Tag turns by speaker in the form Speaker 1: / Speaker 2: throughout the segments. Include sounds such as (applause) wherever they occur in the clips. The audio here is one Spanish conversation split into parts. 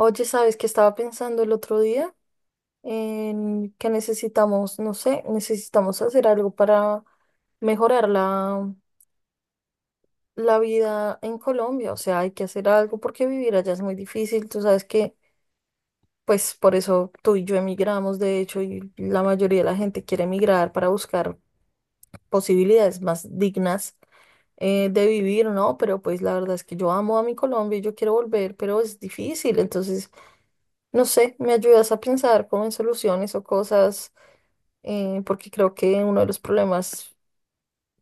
Speaker 1: Oye, ¿sabes qué estaba pensando el otro día? En que necesitamos, no sé, necesitamos hacer algo para mejorar la vida en Colombia. O sea, hay que hacer algo porque vivir allá es muy difícil. Tú sabes que, pues por eso tú y yo emigramos, de hecho, y la mayoría de la gente quiere emigrar para buscar posibilidades más dignas de vivir, ¿no? Pero pues la verdad es que yo amo a mi Colombia y yo quiero volver, pero es difícil. Entonces, no sé, me ayudas a pensar como en soluciones o cosas, porque creo que uno de los problemas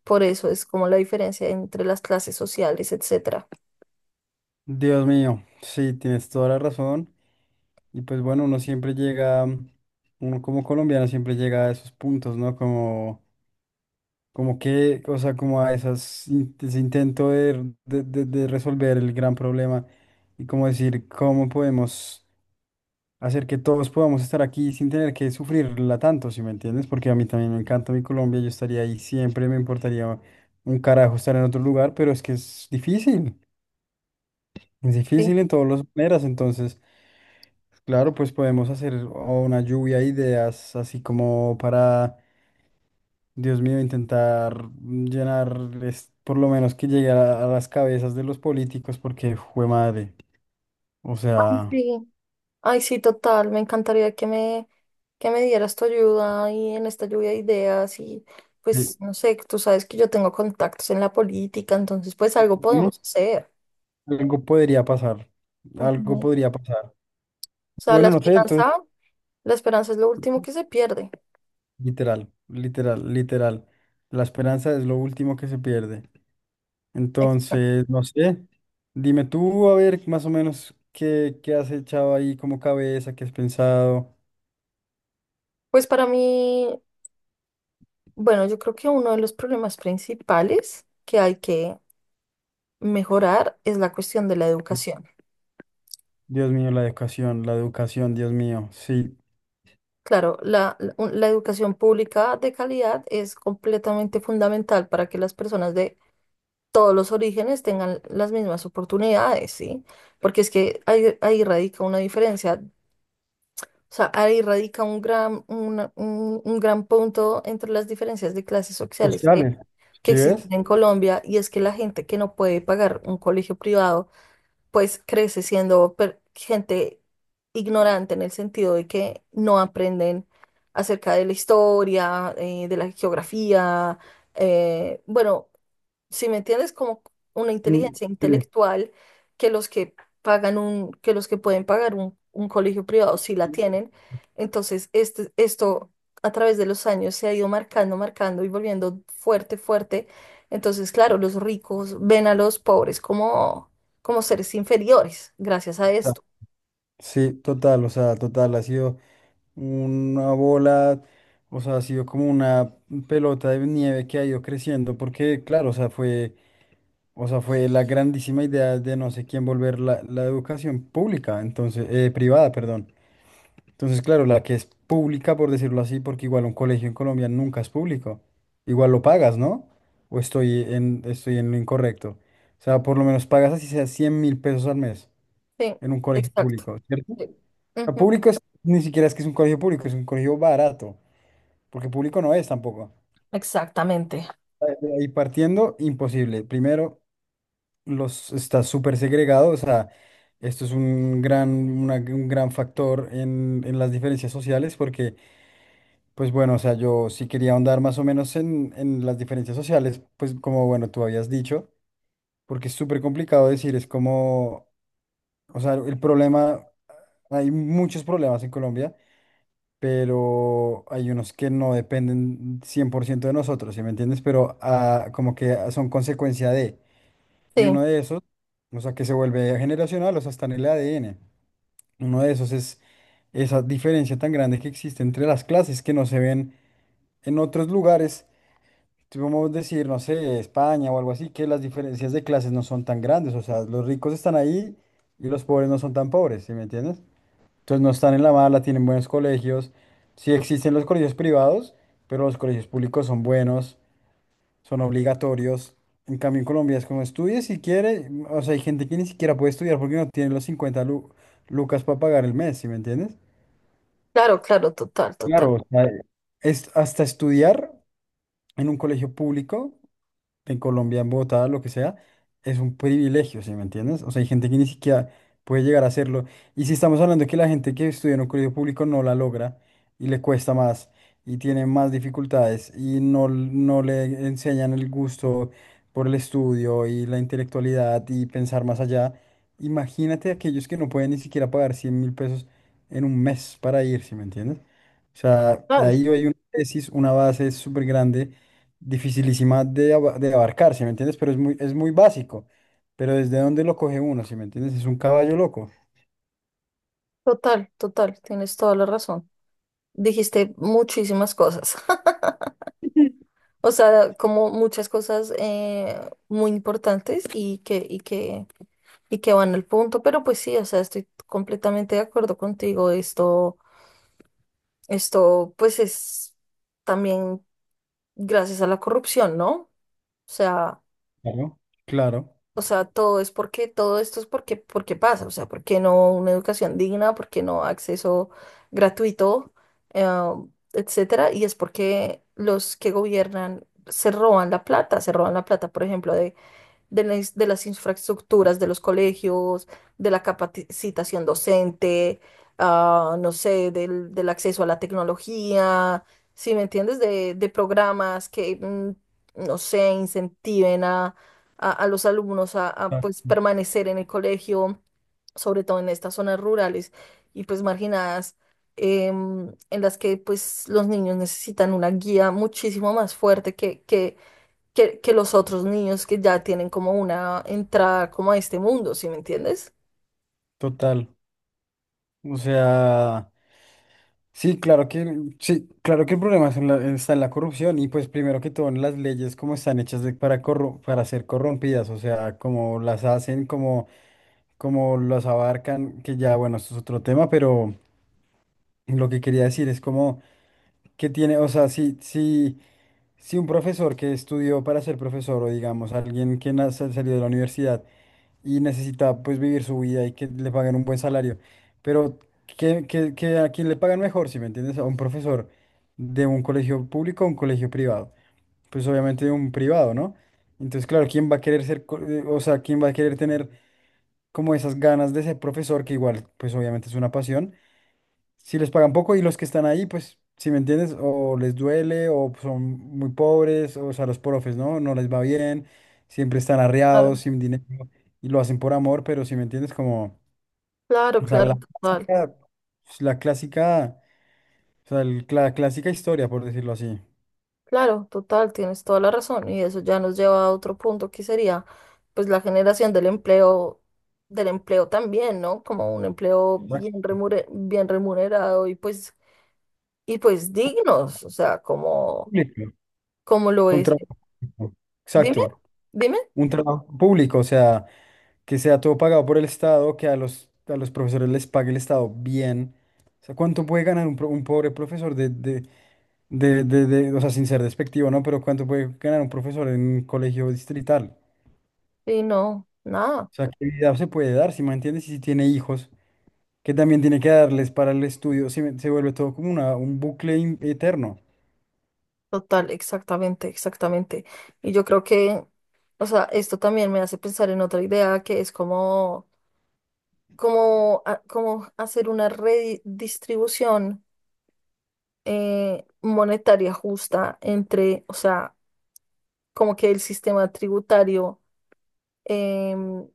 Speaker 1: por eso es como la diferencia entre las clases sociales, etcétera.
Speaker 2: Dios mío, sí, tienes toda la razón. Y pues bueno, uno siempre llega, uno como colombiano siempre llega a esos puntos, ¿no? Como, como que, o sea, como a esas, ese intento de resolver el gran problema y como decir, ¿cómo podemos hacer que todos podamos estar aquí sin tener que sufrirla tanto, si me entiendes? Porque a mí también me encanta mi Colombia, yo estaría ahí siempre, me importaría un carajo estar en otro lugar, pero es que es
Speaker 1: Sí.
Speaker 2: difícil en todas las maneras, entonces... Claro, pues podemos hacer o una lluvia de ideas, así como para, Dios mío, intentar llenar, por lo menos que llegue a las cabezas de los políticos, porque fue madre. O
Speaker 1: Ay,
Speaker 2: sea,
Speaker 1: sí. Ay, sí, total, me encantaría que me dieras tu ayuda y en esta lluvia de ideas y
Speaker 2: eh,
Speaker 1: pues no sé, tú sabes que yo tengo contactos en la política, entonces pues algo
Speaker 2: ujú.
Speaker 1: podemos hacer.
Speaker 2: Algo podría pasar,
Speaker 1: Ujú.
Speaker 2: algo
Speaker 1: O
Speaker 2: podría pasar.
Speaker 1: sea,
Speaker 2: Bueno, no sé, entonces,
Speaker 1: la esperanza es lo último que se pierde.
Speaker 2: literal, literal, literal. La esperanza es lo último que se pierde. Entonces, no sé, dime tú, a ver, más o menos, qué, qué has echado ahí como cabeza, qué has pensado.
Speaker 1: Pues para mí, bueno, yo creo que uno de los problemas principales que hay que mejorar es la cuestión de la educación.
Speaker 2: Dios mío, la educación, Dios mío, sí.
Speaker 1: Claro, la educación pública de calidad es completamente fundamental para que las personas de todos los orígenes tengan las mismas oportunidades, ¿sí? Porque es que ahí radica una diferencia, o sea, ahí radica un gran punto entre las diferencias de clases sociales que
Speaker 2: Sociales, ¿sí ves?
Speaker 1: existen en Colombia y es que la gente que no puede pagar un colegio privado, pues crece siendo gente ignorante en el sentido de que no aprenden acerca de la historia, de la geografía, eh, bueno si me entiendes, como una
Speaker 2: Mm,
Speaker 1: inteligencia
Speaker 2: sí,
Speaker 1: intelectual que los que pagan un, que los que pueden un colegio privado sí la tienen. Entonces, este, esto a través de los años se ha ido marcando, marcando y volviendo fuerte, fuerte. Entonces, claro, los ricos ven a los pobres como, como seres inferiores gracias a
Speaker 2: sea,
Speaker 1: esto.
Speaker 2: sí, total, o sea, total, ha sido una bola, o sea, ha sido como una pelota de nieve que ha ido creciendo, porque claro, o sea, fue la grandísima idea de no sé quién volver la, la educación pública, entonces, privada, perdón. Entonces, claro, la que es pública, por decirlo así, porque igual un colegio en Colombia nunca es público. Igual lo pagas, ¿no? O estoy en lo incorrecto. O sea, por lo menos pagas así sea 100 mil pesos al mes
Speaker 1: Sí,
Speaker 2: en un colegio
Speaker 1: exacto.
Speaker 2: público, ¿cierto? O
Speaker 1: Sí.
Speaker 2: sea,
Speaker 1: Ujú.
Speaker 2: público es, ni siquiera es que es un colegio público, es un colegio barato, porque público no es tampoco.
Speaker 1: Exactamente.
Speaker 2: De ahí partiendo, imposible. Primero, los, está súper segregado, o sea, esto es un gran, un gran factor en las diferencias sociales, porque pues bueno, o sea, yo sí quería ahondar más o menos en las diferencias sociales, pues como bueno, tú habías dicho, porque es súper complicado decir, es como, o sea, el problema, hay muchos problemas en Colombia, pero hay unos que no dependen 100% de nosotros, ¿sí me entiendes? Pero como que son consecuencia de, y uno
Speaker 1: Sí,
Speaker 2: de esos, o sea, que se vuelve generacional, o sea, está en el ADN. Uno de esos es esa diferencia tan grande que existe entre las clases que no se ven en otros lugares si vamos a decir, no sé, España o algo así, que las diferencias de clases no son tan grandes, o sea, los ricos están ahí y los pobres no son tan pobres, ¿sí me entiendes? Entonces no están en la mala, tienen buenos colegios, sí existen los colegios privados, pero los colegios públicos son buenos, son obligatorios. En cambio, en Colombia es como estudie si quiere, o sea, hay gente que ni siquiera puede estudiar porque no tiene los lucas para pagar el mes, ¿sí me entiendes?
Speaker 1: claro, claro, total, total.
Speaker 2: Claro, o sea, es hasta estudiar en un colegio público en Colombia, en Bogotá, lo que sea, es un privilegio, ¿sí me entiendes? O sea, hay gente que ni siquiera puede llegar a hacerlo. Y si estamos hablando de que la gente que estudia en un colegio público no la logra y le cuesta más y tiene más dificultades y no, no le enseñan el gusto por el estudio y la intelectualidad y pensar más allá, imagínate aquellos que no pueden ni siquiera pagar 100 mil pesos en un mes para ir, ¿sí me entiendes? O sea,
Speaker 1: Total,
Speaker 2: ahí hay una tesis, una base súper grande dificilísima de, de abarcar, ¿sí me entiendes? Pero es muy básico. Pero ¿desde dónde lo coge uno, ¿sí me entiendes? Es un caballo loco.
Speaker 1: total, total. Tienes toda la razón. Dijiste muchísimas cosas, (laughs) o sea, como muchas cosas muy importantes y que van al punto, pero pues sí, o sea, estoy completamente de acuerdo contigo, esto pues es también gracias a la corrupción, ¿no? O sea,
Speaker 2: Claro. Claro.
Speaker 1: O sea, todo es todo esto es porque, porque pasa, o sea, porque no una educación digna, porque no acceso gratuito, eh, etcétera, y es porque los que gobiernan se roban la plata, se roban la plata, por ejemplo, de de las infraestructuras de los colegios, de la capacitación docente, no sé, del acceso a la tecnología, si me entiendes, de programas que, no sé, incentiven a los alumnos a,
Speaker 2: Ah,
Speaker 1: pues, permanecer en el colegio, sobre todo en estas zonas rurales y pues marginadas. Em, en las que pues los niños necesitan una guía muchísimo más fuerte que los otros niños que ya tienen como una entrada como a este mundo, ¿sí me entiendes?
Speaker 2: total. O sea, sí, claro que, sí, claro que el problema es en está en la corrupción y pues primero que todo en las leyes como están hechas para, para ser corrompidas, o sea, como las hacen, como, como las abarcan, que ya, bueno, esto es otro tema, pero lo que quería decir es como que tiene, o sea, sí, sí. Si un profesor que estudió para ser profesor o digamos alguien que salió de la universidad y necesita pues vivir su vida y que le paguen un buen salario, pero que, que a quien le pagan mejor, si me entiendes, a un profesor de un colegio público o un colegio privado, pues obviamente de un privado, ¿no? Entonces, claro, ¿quién va a querer ser, o sea, quién va a querer tener como esas ganas de ser profesor, que igual pues obviamente es una pasión? Si les pagan poco y los que están ahí, pues, si me entiendes, o les duele, o son muy pobres, o, sea, los profes, ¿no? No les va bien, siempre están
Speaker 1: Claro.
Speaker 2: arreados, sin dinero, y lo hacen por amor, pero si me entiendes, como,
Speaker 1: Claro,
Speaker 2: o sea, la
Speaker 1: claro, total.
Speaker 2: clásica, pues, la clásica, o sea, la clásica historia, por decirlo así.
Speaker 1: Claro, total, tienes toda la razón. Y eso ya nos lleva a otro punto que sería, pues, la generación del empleo también, ¿no? Como un empleo
Speaker 2: ¿Verdad?
Speaker 1: bien remunerado y pues dignos, o sea, como,
Speaker 2: Público,
Speaker 1: como lo
Speaker 2: un
Speaker 1: es.
Speaker 2: trabajo. Público,
Speaker 1: Dime,
Speaker 2: exacto.
Speaker 1: dime.
Speaker 2: Un trabajo público, o sea, que sea todo pagado por el Estado, que a los profesores les pague el Estado bien. O sea, ¿cuánto puede ganar un, un pobre profesor de, o sea, sin ser despectivo, ¿no? Pero ¿cuánto puede ganar un profesor en un colegio distrital?
Speaker 1: Y no, nada.
Speaker 2: O sea, ¿qué vida se puede dar, si me entiendes? Y si tiene hijos, que también tiene que darles para el estudio, se, se vuelve todo como una, un bucle eterno.
Speaker 1: Total, exactamente, exactamente. Y yo creo que, o sea, esto también me hace pensar en otra idea que es como, como hacer una redistribución monetaria justa entre, o sea, como que el sistema tributario em,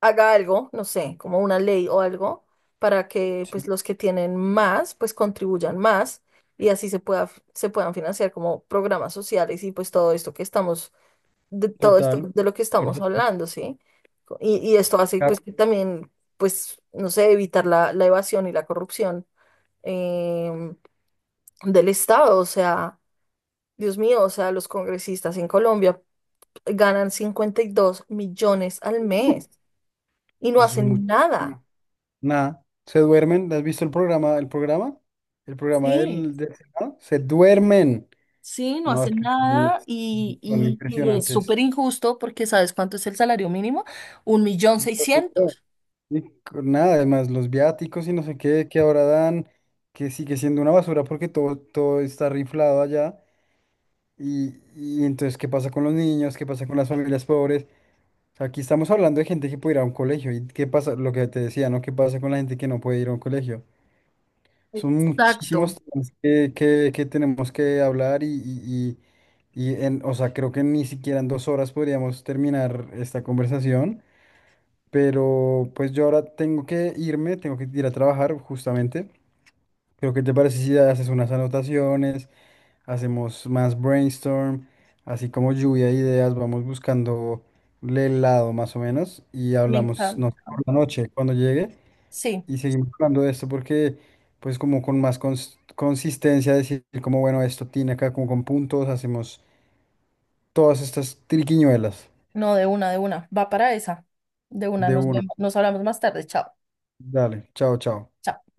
Speaker 1: haga algo, no sé, como una ley o algo, para que pues
Speaker 2: Sí,
Speaker 1: los que tienen más, pues contribuyan más y así se pueda, se puedan financiar como programas sociales y pues todo esto que estamos de todo esto
Speaker 2: total.
Speaker 1: de lo que
Speaker 2: Ahorita
Speaker 1: estamos
Speaker 2: estoy.
Speaker 1: hablando, ¿sí? Y esto hace pues que también, pues, no sé, evitar la evasión y la corrupción em, del Estado. O sea, Dios mío, o sea, los congresistas en Colombia ganan 52 millones al mes y no
Speaker 2: Es
Speaker 1: hacen nada.
Speaker 2: muchísimo. Nada, se duermen. ¿Has visto el programa? ¿El programa? ¿El programa
Speaker 1: Sí,
Speaker 2: del, del Senado? Se duermen.
Speaker 1: sí, no
Speaker 2: No, es
Speaker 1: hacen
Speaker 2: que son,
Speaker 1: nada y,
Speaker 2: son
Speaker 1: y- y es
Speaker 2: impresionantes.
Speaker 1: súper injusto porque ¿sabes cuánto es el salario mínimo? Un millón
Speaker 2: Y pues, y todo.
Speaker 1: seiscientos.
Speaker 2: Y con nada, además, los viáticos y no sé qué que ahora dan, que sigue siendo una basura porque todo, todo está riflado allá. Y entonces, ¿qué pasa con los niños? ¿Qué pasa con las familias pobres? O sea, aquí estamos hablando de gente que puede ir a un colegio. ¿Y qué pasa? Lo que te decía, ¿no? ¿Qué pasa con la gente que no puede ir a un colegio? Son muchísimos
Speaker 1: Exacto.
Speaker 2: temas que, que tenemos que hablar y, y en, o sea, creo que ni siquiera en dos horas podríamos terminar esta conversación, pero pues yo ahora tengo que irme, tengo que ir a trabajar justamente. Creo que te parece si haces unas anotaciones, hacemos más brainstorm, así como lluvia de ideas, vamos buscando el lado más o menos y
Speaker 1: Me encanta.
Speaker 2: hablamos, no sé, por la noche cuando llegue.
Speaker 1: Sí.
Speaker 2: Y seguimos hablando de esto porque, pues como con más consistencia, decir como, bueno, esto tiene acá como con puntos, hacemos todas estas triquiñuelas
Speaker 1: No, de una, de una. Va para esa. De una,
Speaker 2: de
Speaker 1: nos
Speaker 2: una.
Speaker 1: vemos. Nos hablamos más tarde. Chao.
Speaker 2: Dale, chao, chao.
Speaker 1: Chao.